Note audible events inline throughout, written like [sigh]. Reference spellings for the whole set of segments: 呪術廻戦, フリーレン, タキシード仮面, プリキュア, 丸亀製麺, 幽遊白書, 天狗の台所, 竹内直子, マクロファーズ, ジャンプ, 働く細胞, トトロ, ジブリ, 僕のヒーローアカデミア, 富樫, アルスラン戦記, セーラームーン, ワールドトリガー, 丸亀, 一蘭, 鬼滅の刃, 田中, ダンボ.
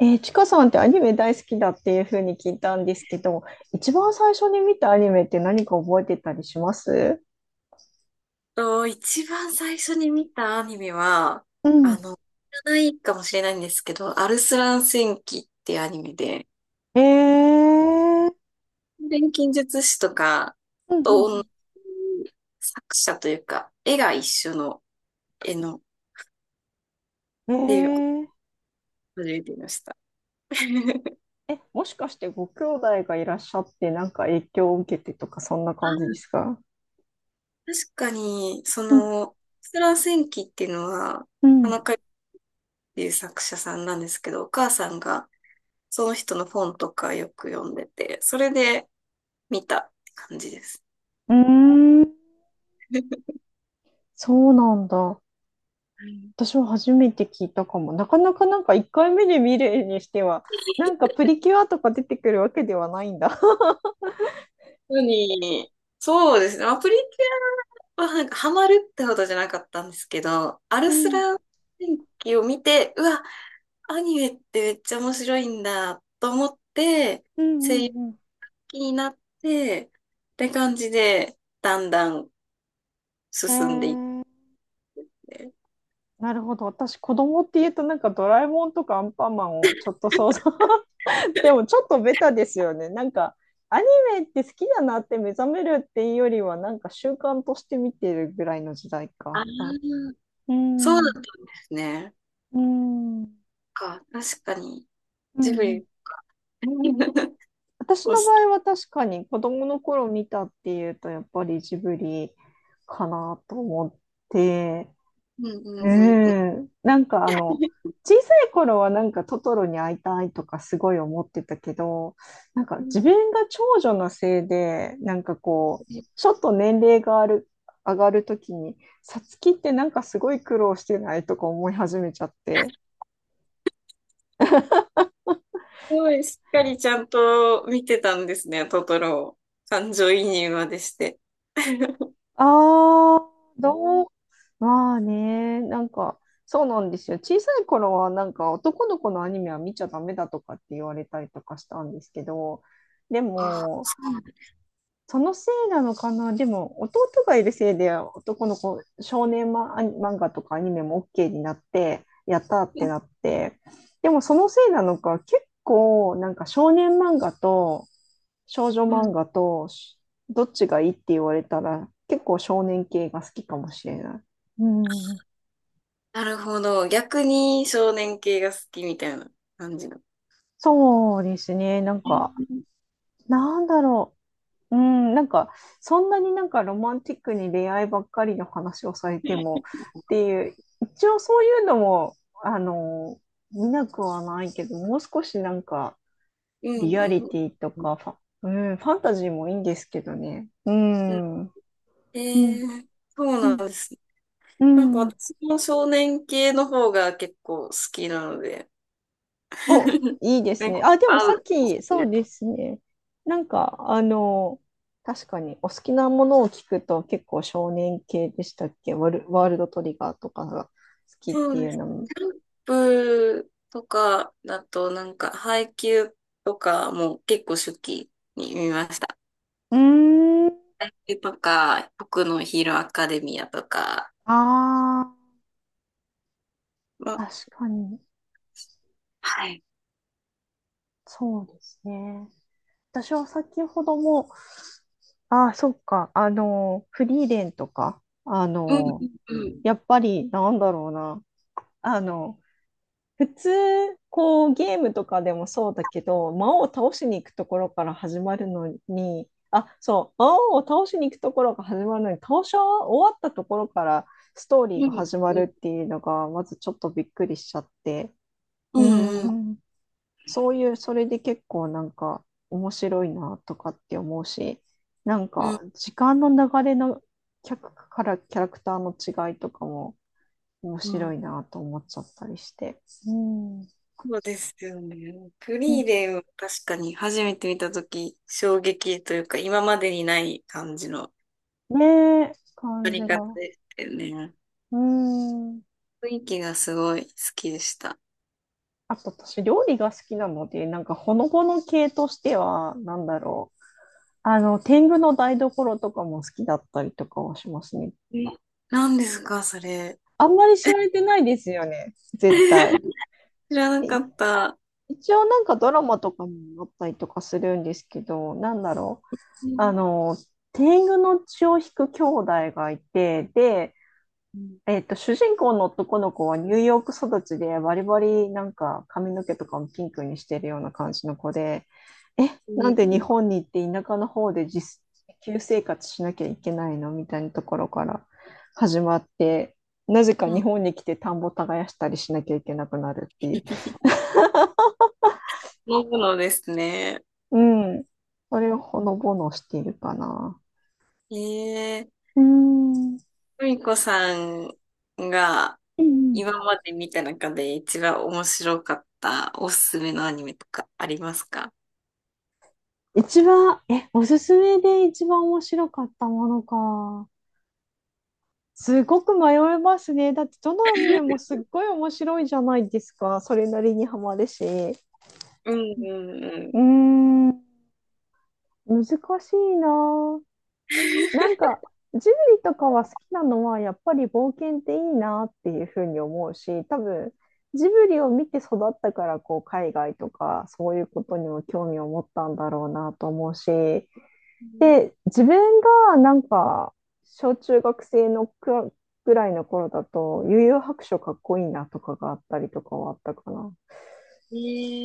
ちかさんってアニメ大好きだっていうふうに聞いたんですけど、一番最初に見たアニメって何か覚えてたりします？一番最初に見たアニメは、うん。知らないかもしれないんですけど、アルスラン戦記っていうアニメで、えー、錬金術師とかうんうとん同じ作者というか、絵が一緒の絵の、うで、ん。初めて見ました。[laughs] あえ、もしかしてご兄弟がいらっしゃってなんか影響を受けてとかそんな感じですーか？確かに、うんアルスラン戦記っていうのは、う田ん中っていう作者さんなんですけど、お母さんがその人の本とかよく読んでて、それで見たって感じです。うーん、そうなんだ。はい、私は初めて聞いたかも。なかなかなんか1回目で見るにしては、なんかプリキュアとか出てくるわけではないんだ。当に、そうですね。まあプリキュアはなんかハマるってほどじゃなかったんですけど、アルうスんラー電気を見て、うわ、アニメってめっちゃ面白いんだと思って、うん声う優んうん。気になって、って感じで、だんだんえ進んでいっー、て。なるほど。私、子供って言うと、なんかドラえもんとかアンパンマンをちょっと想像。[laughs] でも、ちょっとベタですよね。なんか、アニメって好きだなって目覚めるっていうよりは、なんか習慣として見てるぐらいの時代あか。あ、はい。うそうなんんですね。うんうん確かに、うジブん。リ。[laughs] 私押の場し。合は確かに子供の頃見たっていうとやっぱりジブリかなと思って、うんううんうんん。なんか小さい頃はなんかトトロに会いたいとかすごい思ってたけど、なんかう自ん。分が長女のせいで、なんかこう、ちょっと年齢がある、上がるときに、さつきってなんかすごい苦労してないとか思い始めちゃって。すごい、しっかりちゃんと見てたんですね、トトロを。感情移入までして。[laughs] ああ、どう、まあね、なんか、そうなんですよ。小さい頃は、なんか、男の子のアニメは見ちゃダメだとかって言われたりとかしたんですけど、であ、も、そうなんだ。そのせいなのかな。でも、弟がいるせいで、男の子、少年マ漫画とかアニメも OK になって、やったーってなって、でもそのせいなのか、結構、なんか少年漫画と少女うんう漫ん。画と、どっちがいいって言われたら、結構少年系が好きかもしれない。うん、なるほど。逆に少年系が好きみたいな感じの。そうですね。なんうか、んなんだろう。うん、なんか、そんなになんかロマンティックに恋愛ばっかりの話をされてもっていう、一応そういうのも、あの、見なくはないけど、もう少しなんか、うリアリん。ティとかうん、ファンタジーもいいんですけどね。ううん。ん。うえん。そううなんん。ですね。うなんかん。私も少年系の方が結構好きなので。お、[laughs] いいでなすんね。かあ、でも合さっう。き、そうですね。なんか、確かに、お好きなものを聞くと結構少年系でしたっけ、ワールドトリガーとかが好きっそてういでうす。ジのも。ャンプとかだと、なんか、配給とかも結構初期に見ました。うーん。配給とか、僕のヒーローアカデミアとか、あまあ、あ、確かに。はい。そうですね。私は先ほども、ああ、そっか。フリーレンとか、うん、うん、やっぱり、なんだろうな。あの、普通、こう、ゲームとかでもそうだけど、魔王を倒しに行くところから始まるのに、あ、そう、魔王を倒しに行くところが始まるのに、倒し終わったところからストーリーうがん、始まうるん、っていうのが、まずちょっとびっくりしちゃって、ううーん、うん、ん、そういう、それで結構なんか面白いなとかって思うし、なんうかん、時間の流れの客からキャラクターの違いとかも面う白ん。いなと思っちゃったりして。うん。そうですよね。フリーレン、確かに初めて見たとき、衝撃というか、今までにない感じのねえ、撮感じりが。方うでしたよね。ーん。雰囲気がすごい好きでした。あと私、料理が好きなので、なんかほのぼの系としては、なんだろう。天狗の台所とかも好きだったりとかはしますね。え、何ですか、それ？あんまり知られてないですよね、絶対。知らなえかった。一応なんかドラマとかもあったりとかするんですけど、なんだろう。うあん。の、天狗の血を引く兄弟がいて、で、うん主人公の男の子はニューヨーク育ちでバリバリなんか髪の毛とかもピンクにしてるような感じの子で、え、うなんで日ん。本に行って田舎の方で旧生活しなきゃいけないのみたいなところから始まって、なぜかう日ん。本に来て田んぼ耕したりしなきゃいけなくなるっていう。飲むのですね。うん。それをほのぼのしているかな。ええ、うーん。うんふみこさんがうん。今まで見た中で一番面白かったおすすめのアニメとかありますか？一番、おすすめで一番面白かったものか。すごく迷いますね。だってどのアニメもすっごい面白いじゃないですか。それなりにハマるし。うんうんううーん。ん、難しいなぁ。なんか、ジブリとかは好きなのは、やっぱり冒険っていいなっていうふうに思うし、多分、ジブリを見て育ったから、こう、海外とか、そういうことにも興味を持ったんだろうなと思うし、で、自分がなんか、小中学生のぐらいの頃だと、幽遊白書かっこいいなとかがあったりとかはあったかな。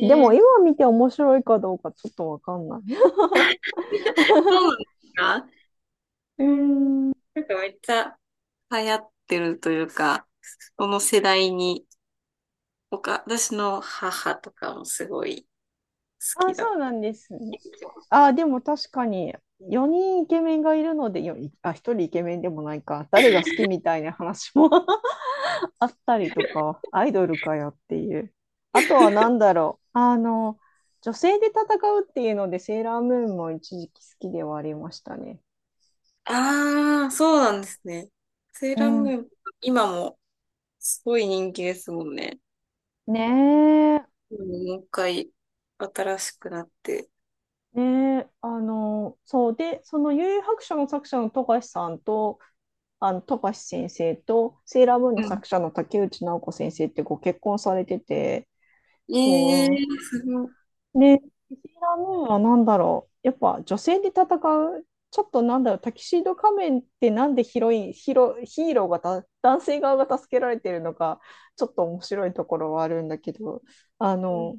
でも今え、見て面白いかどうかちょっとわかんない。そう [laughs] なんですか？ううーん。ん、なんかめっちゃ流行ってるというか、その世代に、他、私の母とかもすごい好あ、きだそっうなた。んですね。あ、でも確かに4人イケメンがいるので、あ、1人イケメンでもないか、誰が好きみたいな話も [laughs] あったりとか、アイドルかよっていう。あとは何だろう。女性で戦うっていうので、セーラームーンも一時期好きではありましたね。ああ、そうなんですね。セーうラームん。ーン、今もすごい人気ですもんね。ねえ。うん、もう一回新しくなって。ねえ、そう。で、その幽遊白書の作者の富樫さんと、あの富樫先生とセーラームーンうのん。作者の竹内直子先生ってご結婚されてて、ええそうー、すごい。で、テキシーラムーンは何だろう。やっぱ女性で戦う、ちょっとなんだろう、タキシード仮面ってなんでヒロイン、ヒーローがた男性側が助けられてるのか、ちょっと面白いところはあるんだけど、あうん。の、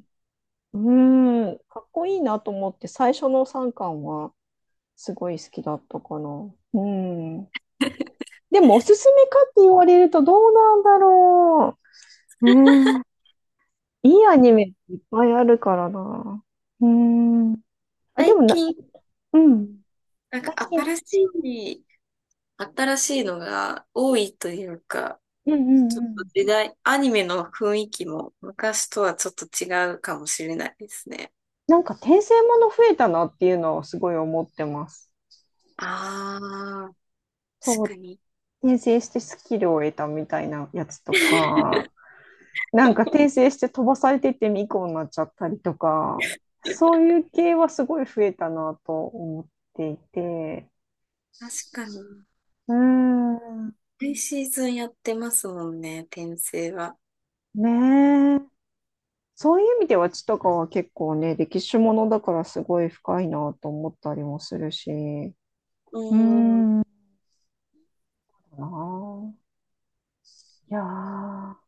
うーん、かっこいいなと思って、最初の3巻はすごい好きだったかな。うん。でも、おすすめかって言われるとどうなんだろう。ねえいいアニメいっぱいあるからな。うーん。あ、でも最な、近、ううん。ん、なんか最近、新しい、新しいのが多いというか、うんうちょんっうとん。時代、アニメの雰囲気も昔とはちょっと違うかもしれないですね。なんか転生もの増えたなっていうのはすごい思ってます。ああ、確そかう、に。転生してスキルを得たみたいなやつと確か、なんか転生して飛ばされてって巫女になっちゃったりとか、そういう系はすごい増えたなと思っていて、かに。うーん、毎シーズンやってますもんね、転生は。ねえ。そういう意味では血とかは結構ね、歴史ものだからすごい深いなと思ったりもするし、ううーん。ん、かなあ。いやー。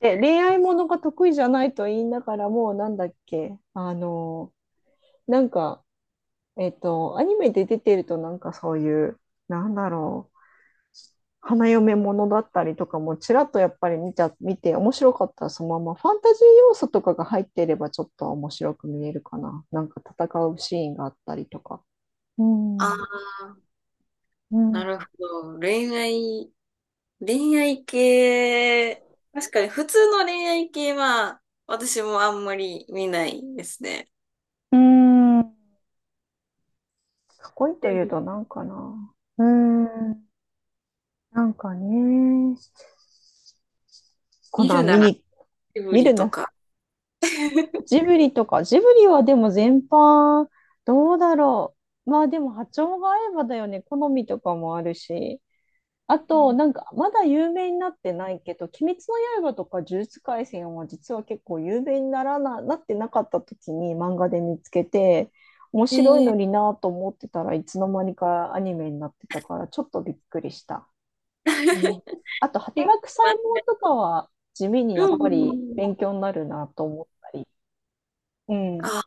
で、恋愛ものが得意じゃないと言いながらも、なんだっけ、なんか、アニメで出てると、なんかそういう、なんだろう、花嫁ものだったりとかも、ちらっとやっぱり見て、面白かったらそのまま、ファンタジー要素とかが入っていれば、ちょっと面白く見えるかな。なんか戦うシーンがあったりとか。うあん。あ、うなん。るほど。恋愛系、確かに普通の恋愛系は、私もあんまり見ないですね。うん。かっこいいとでいうも、と、なんかな。うんなんかね、コ見ナるンなら、エブ見るリとな。か。ジブリとか、ジブリはでも全般、どうだろう。まあでも波長が合えばだよね。好みとかもあるし。あうと、ん、なんか、まだ有名になってないけど、鬼滅の刃とか呪術廻戦は実は結構有名になってなかった時に漫画で見つけて、面え白いのー、になぁと思ってたらいつの間にかアニメになってたから、ちょっとびっくりした。う [laughs] ん、あと、結働く細胞とかは地味にやっ構、うぱりん。勉強になるなと思ったり。うん。あ、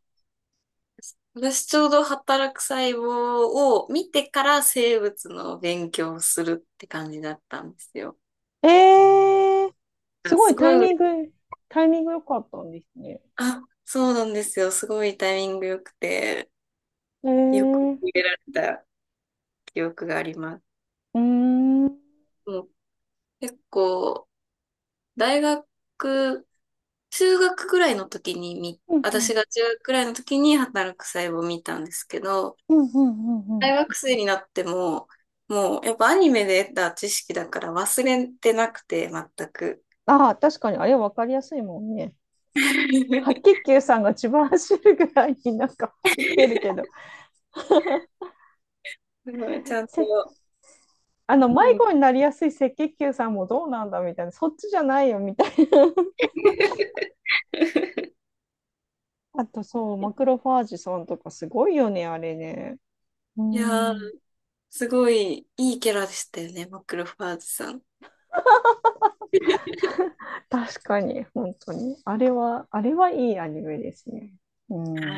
私ちょうど働く細胞を見てから生物の勉強をするって感じだったんですよ。えー、すあ、ごすいごい嬉しい、タイミング良かったんですね。あ、そうなんですよ。すごいタイミング良くて、えよくー、入れられた記憶があります。うーん。うんうん。もう結構、大学、中学ぐらいの時に見、う私んが中学ぐらいの時に働く細胞を見たんですけど、うんうんう大ん。学生になっても、もうやっぱアニメで得た知識だから忘れてなくて、全く。ああ、確かにあれ分かりやすいもんね。白 [laughs] 血す球さんが千葉走るぐらいになんか走ってるけど、ごいちゃんせと、あのう迷ん。子になりやすい赤血球さんもどうなんだみたいな、そっちじゃないよみたいな。あとそう、マクロファージさんとかすごいよね、あれね。ういやー、ん。すごいいいキャラでしたよね、マクロファーズさん。確かに、本当に。あれはいいアニメですね。うん。